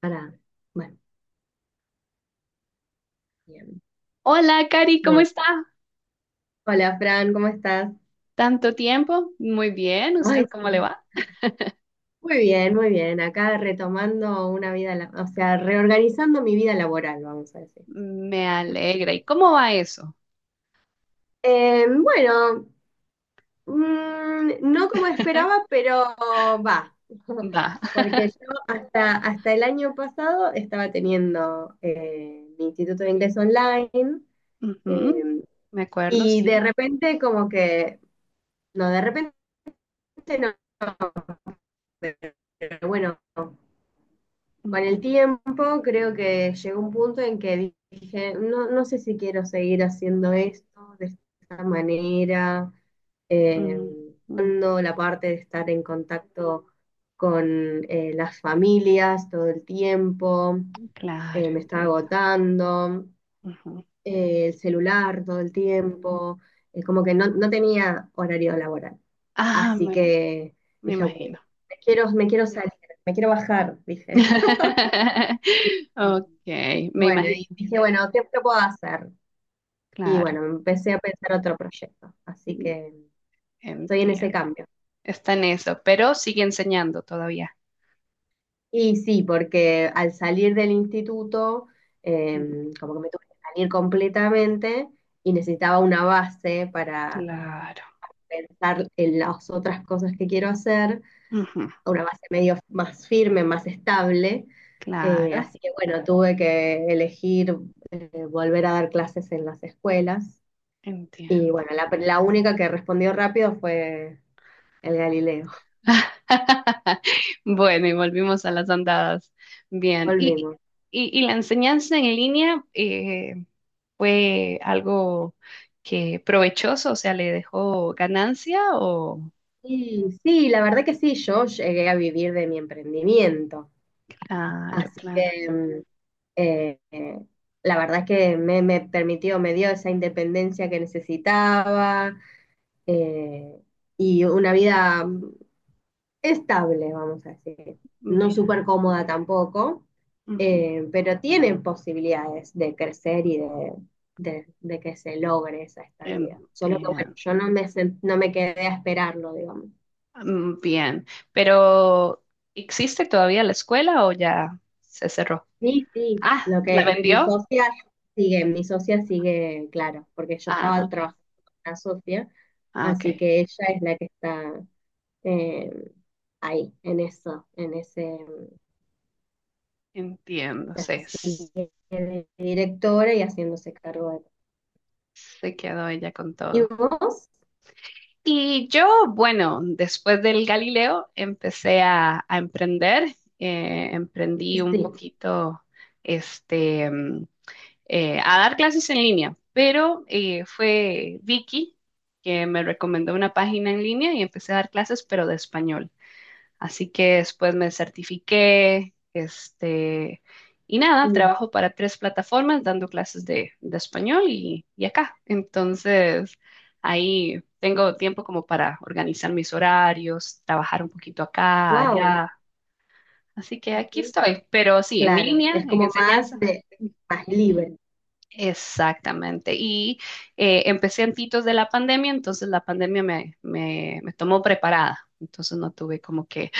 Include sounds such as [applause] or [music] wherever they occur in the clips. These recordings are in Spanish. Para, bueno, bien. Hola, Cari, ¿cómo Bueno, está? hola Fran, ¿cómo estás? ¿Tanto tiempo? Muy bien, Ay, ¿usted cómo sí. le va? Muy bien, muy bien. Acá retomando una vida, o sea, reorganizando mi vida laboral, vamos a decir. Me alegra. ¿Y cómo va eso? Eh, bueno, no como esperaba, [laughs] pero va. Va. [laughs] [laughs] Porque yo hasta el año pasado estaba teniendo mi instituto de inglés online, Ujú. eh, Me acuerdo, y de sí. repente como que, no, de repente no, pero bueno. Con el Ujú, tiempo creo que llegó un punto en que dije, no, no sé si quiero seguir haciendo esto de esta manera, eh, ujú, ujú. dando la parte de estar en contacto con, las familias todo el tiempo, Claro, me estaba entiendo. agotando, Ujú. El celular todo el tiempo, es como que no, no tenía horario laboral. Ah, Así que me dije, "Bueno, imagino. me quiero salir, me quiero bajar," dije. [laughs] Ok, me Bueno, imagino. y dije, bueno, ¿qué puedo hacer? Y bueno, Claro, empecé a pensar otro proyecto, así que estoy en ese entiendo. cambio. Está en eso, pero sigue enseñando todavía. Y sí, porque al salir del instituto, eh, Ujú. como que me tuve que salir completamente y necesitaba una base para Claro, pensar en las otras cosas que quiero hacer, ujú, una base medio más firme, más estable. Claro, Así que bueno, tuve que elegir, volver a dar clases en las escuelas. Y entiendo. bueno, la única que respondió rápido fue el Galileo. [laughs] [laughs] Bueno, y volvimos a las andadas. Bien, y, Volvimos. y, y la enseñanza en línea fue algo que provechoso, o sea, le dejó ganancia o... Y sí, la verdad que sí, yo llegué a vivir de mi emprendimiento. Claro, Así claro. que eh, eh, la verdad que me permitió, me dio esa independencia que necesitaba, eh, y una vida estable, vamos a decir. No Bien, súper cómoda tampoco, ujú, pero tiene posibilidades de crecer y de que se logre esa estabilidad. Solo que bueno, bien, yo no me, no me quedé a esperarlo, digamos. Bien. Pero, ¿existe todavía la escuela o ya se cerró? Sí, sí, Ah, lo ¿la que vendió? Mi socia sigue, claro, porque yo Ah, estaba ok. trabajando con la socia, Ah, así ok. que ella es la que está, eh, ahí, en eso, en ese. Entiendo, se, Así, de directora y haciéndose cargo de... se quedó ella con ¿Y todo. vos? Y yo, bueno, después del Galileo empecé a, emprender, emprendí un Sí. poquito, este, a dar clases en línea, pero fue Vicky que me recomendó una página en línea y empecé a dar clases, pero de español. Así que después me certifiqué, este, y nada, Mm. trabajo para tres plataformas dando clases de, español y acá. Entonces, ahí tengo tiempo como para organizar mis horarios, trabajar un poquito acá, Wow. allá. Así que aquí Ujú. estoy, pero sí, en Claro, línea, es en como más enseñanza. de, más libre. Exactamente. Y empecé antitos de la pandemia, entonces la pandemia me tomó preparada. Entonces no tuve como que,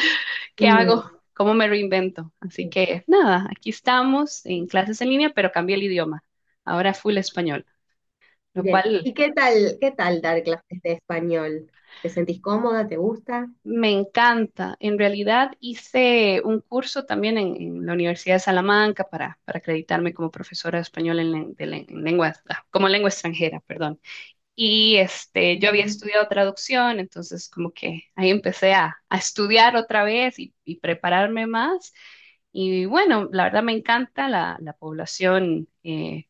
¿qué hago? Mm. ¿Cómo me reinvento? Así que nada, aquí estamos en clases en línea, pero cambié el idioma. Ahora full español, lo Bien. cual ¿Y qué tal dar clases de español? ¿Te sentís cómoda? ¿Te gusta? me encanta. En realidad hice un curso también en, la Universidad de Salamanca para acreditarme como profesora de español en, len- de len- en lenguas- ah, como lengua extranjera, perdón. Y este, yo había Ujú, estudiado traducción, entonces como que ahí empecé a, estudiar otra vez y prepararme más. Y bueno, la verdad me encanta la población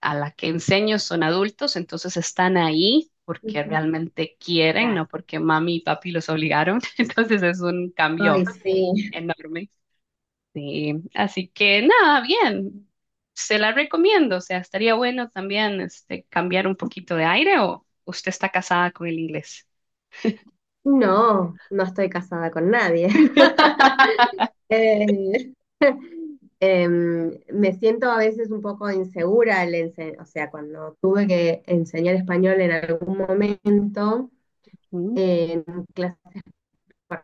a la que enseño son adultos, entonces están ahí porque ujú. realmente quieren, Claro. no porque mami y papi los obligaron. [laughs] Entonces es un Ay, cambio sí. enorme. Sí, así que nada, bien, se la recomiendo, o sea, estaría bueno también este, cambiar un poquito de aire o usted está casada con el inglés. No, no estoy casada con nadie. [laughs] [laughs] Eh, Me siento a veces un poco insegura, al o sea, cuando tuve que enseñar español en algún momento Mm, en clases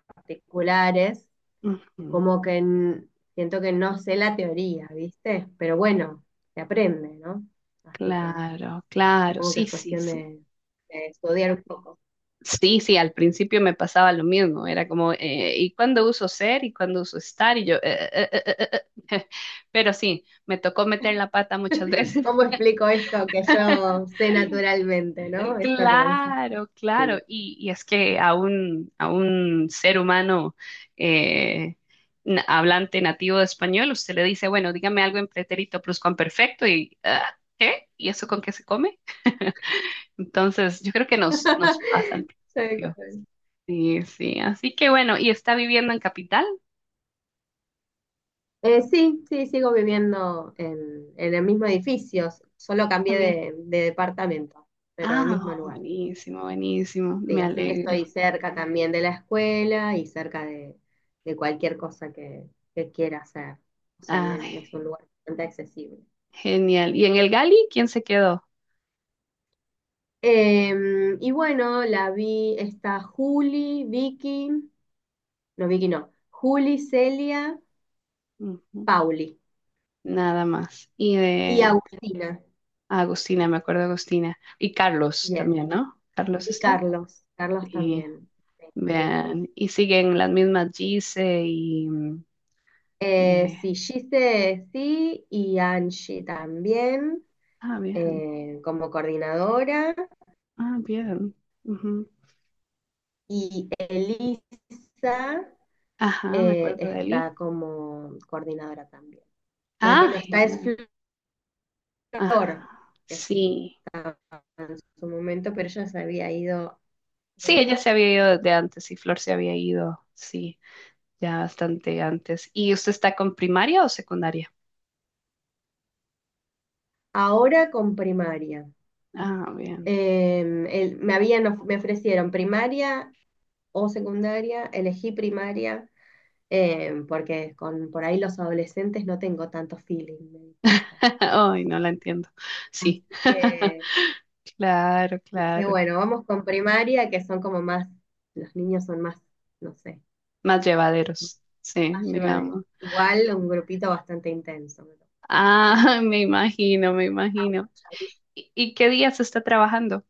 particulares, ujú. como que siento que no sé la teoría, ¿viste? Pero bueno, se aprende, ¿no? Así que Claro, claro, supongo que sí, es sí, cuestión sí. De estudiar un poco. Sí, sí, al principio me pasaba lo mismo, era como, ¿y cuándo uso ser y cuándo uso estar? Y yo. [laughs] Pero sí, me tocó meter la pata muchas [laughs] veces. ¿Cómo explico esto que yo sé naturalmente, [laughs] ¿no? Esto que es, Claro, claro. sí. Y es que a un, ser humano eh, hablante nativo de español, usted le dice, bueno, dígame algo en pretérito perfecto y ah, ¿qué? ¿Y eso con qué se come? Entonces, yo creo que nos pasa al [laughs] Tal principio. cual. Sí, sí. Así que bueno, ¿y está viviendo en capital Sí, sí, sigo viviendo en el mismo edificio, solo cambié también? De departamento, pero el mismo Ah, lugar. buenísimo, buenísimo. Sí, Me así que alegro. estoy cerca también de la escuela y cerca de cualquier cosa que quiera hacer. O sea, Ay, es un lugar bastante accesible. genial. ¿Y en el Gali quién se quedó? Y bueno, la vi, está Juli, Vicky no, Juli, Celia, Ujú. Pauli Nada más. Y y de... Agustina, Ah, Agustina, me acuerdo de Agustina. Y Carlos yes, también, ¿no? Carlos y está. Carlos, Carlos Y también. Sí, sí, sí. vean, y siguen las mismas Gise y... eh, Sí, Gise sí y Angie también, ah, bien. Como coordinadora, Ah, bien. Ujú. y Elisa, Ajá, me acuerdo de Eli. está como coordinadora también. La que Ah, no está es genial. Flor, Ah, que sí. estaba en su momento, pero ella se había ido, Sí, creo ella se había ido desde antes y Flor se había ido, sí, ya bastante antes. ¿Y usted está con primaria o secundaria? ahora con primaria. Ah, bien. Me habían me ofrecieron primaria o secundaria, elegí primaria, porque con por ahí los adolescentes no tengo tanto feeling, me di cuenta. [laughs] Ay, no la entiendo. Sí. Así [laughs] que Claro, dije, claro. bueno, vamos con primaria, que son como más, los niños son más, no sé, Más llevaderos, sí, más llevaderos. digamos. Igual un grupito bastante intenso. Ah, [laughs] me imagino, me imagino. ¿Y qué día se está trabajando?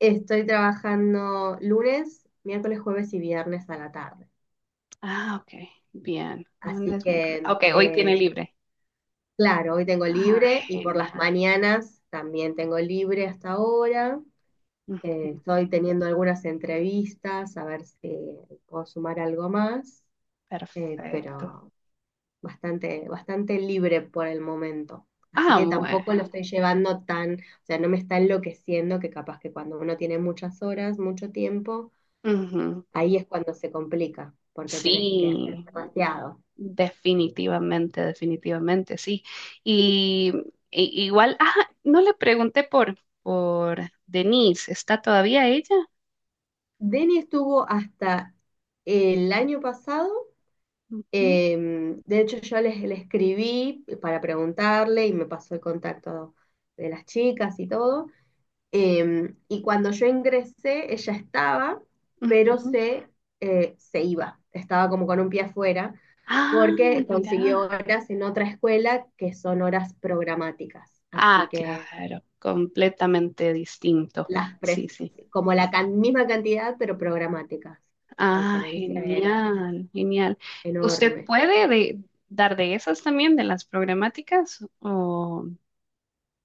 Estoy trabajando lunes, miércoles, jueves y viernes a la tarde. Ah, ok, bien. Así Lunes, miércoles. que, Ok, hoy tiene libre. claro, hoy tengo Ah, libre y por las genial. mañanas también tengo libre hasta ahora. Ujú, Estoy teniendo algunas entrevistas, a ver si puedo sumar algo más, perfecto. pero bastante, bastante libre por el momento. Así Ah, que bueno. tampoco lo estoy llevando tan, o sea, no me está enloqueciendo, que capaz que cuando uno tiene muchas horas, mucho tiempo, Ujú. ahí es cuando se complica, porque tenés que hacer Sí, demasiado. definitivamente, definitivamente, sí. Y, Igual, ah, no le pregunté por, Denise, ¿está todavía ella? Denny estuvo hasta el año pasado. Ujú, Eh, de hecho, yo le escribí para preguntarle y me pasó el contacto de las chicas y todo. Y cuando yo ingresé, ella estaba, pero ujú. se, se iba. Estaba como con un pie afuera Ah, porque consiguió mira. horas en otra escuela que son horas programáticas. Así Ah, que claro, completamente distinto. las pref- Sí, sí. como misma cantidad, pero programáticas. La Ah, diferencia era genial, genial. ¿Usted enorme. puede dar de esas también, de las programáticas?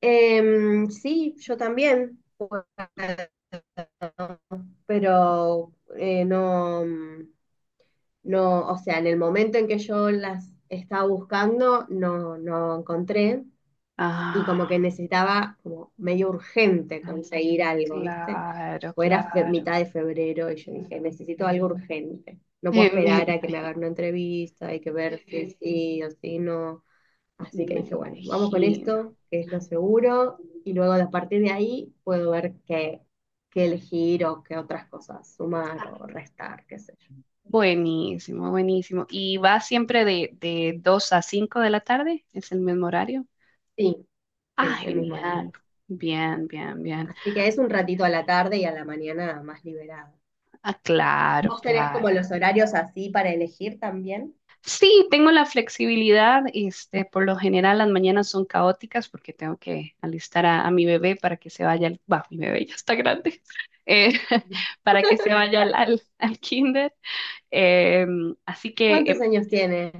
Sí, yo también, puedo, [laughs] pero no, o sea, en el momento en que yo las estaba buscando, no, no encontré y como Ah, que necesitaba como medio urgente conseguir algo, ¿viste? claro, Pues era claro. mitad de febrero y yo dije, necesito algo urgente, no [laughs] puedo Eh, me esperar a que me imagi- hagan una entrevista, hay que ver si [laughs] sí o si no. Así que Me dije, bueno, vamos con imagino. esto, que es lo seguro, y luego a partir de ahí puedo ver qué, qué elegir o qué otras cosas sumar Ah, o restar, qué sé yo. buenísimo, buenísimo. ¿Y va siempre de, 2 a 5 de la tarde? ¿Es el mismo horario? Sí, sí, Ah, el mismo horario. genial. Bien, bien, bien. Así que es un ratito a la tarde y a la mañana más liberado. Ah, claro, ¿Vos tenés como claro. los horarios así para elegir también? Sí, tengo la flexibilidad. Este, por lo general las mañanas son caóticas porque tengo que alistar a, mi bebé para que se vaya bah, mi bebé ya está grande, [laughs] eh, [laughs] para que se vaya al kinder. Eh, Así que ¿Cuántos años tiene?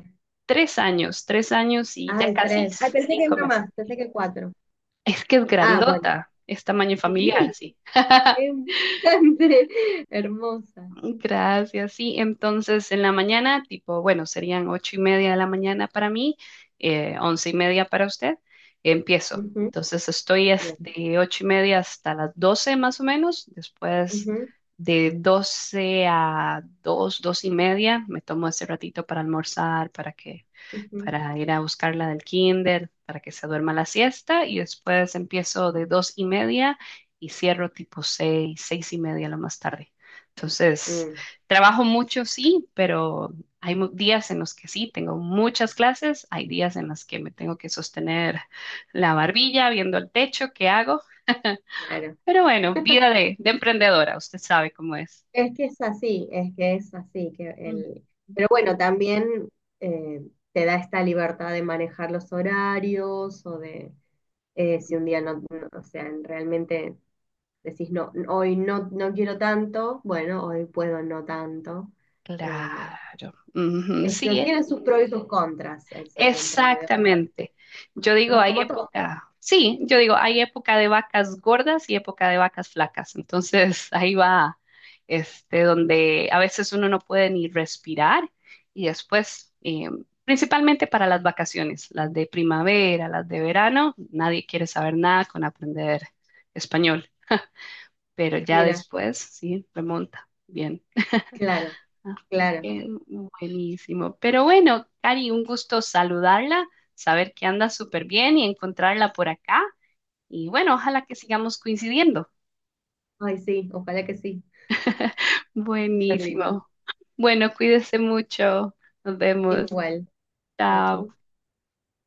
3 años, 3 años y ya Ay, casi tres. Ay, pensé que cinco uno meses. más, pensé que cuatro. Es que es Ah, bueno. grandota, es tamaño familiar, Sí, sí. [laughs] es bastante [laughs] hermosa. Gracias. Sí, entonces en la mañana, tipo, bueno, serían 8:30 de la mañana para mí, 11:30 para usted. Empiezo. Ujú, Entonces estoy bien. de 8:30 hasta las 12 más o menos. Después Ujú, de 12 a 2, 2:30, me tomo ese ratito para almorzar, ujú. para ir a buscarla del kinder, para que se duerma la siesta y después empiezo de 2:30 y cierro tipo 6, 6:30 lo más tarde. Entonces, Mm. trabajo mucho, sí, pero hay días en los que sí, tengo muchas clases, hay días en los que me tengo que sostener la barbilla viendo el techo, ¿qué hago? Claro, Pero bueno, vida de, emprendedora, usted sabe cómo es. es que es así, es que es así, que Mm. el... pero bueno, también, eh, te da esta libertad de manejar los horarios o de, si un día no, o sea, realmente decís, no, hoy no, no quiero tanto, bueno, hoy puedo no tanto. Eh, Claro. Ujú, Esto sí, ¿eh? tiene sus pros y sus contras el ser emprendedor, Exactamente. Yo digo, ¿no? hay Como todo. época, sí, yo digo, hay época de vacas gordas y época de vacas flacas. Entonces, [laughs] ahí va, este, donde a veces uno no puede ni respirar y después, principalmente para las vacaciones, las de primavera, las de verano, nadie quiere saber nada con aprender español, pero ya Mira, después, sí, remonta. Bien. claro, Así claro. que buenísimo. Pero bueno, Cari, un gusto saludarla, saber que anda súper bien y encontrarla por acá. Y bueno, ojalá que sigamos coincidiendo. Ay, sí, ojalá que sí. Súper lindo. Buenísimo. Bueno, cuídese mucho. Nos vemos. Igual, chao, chis. Chao.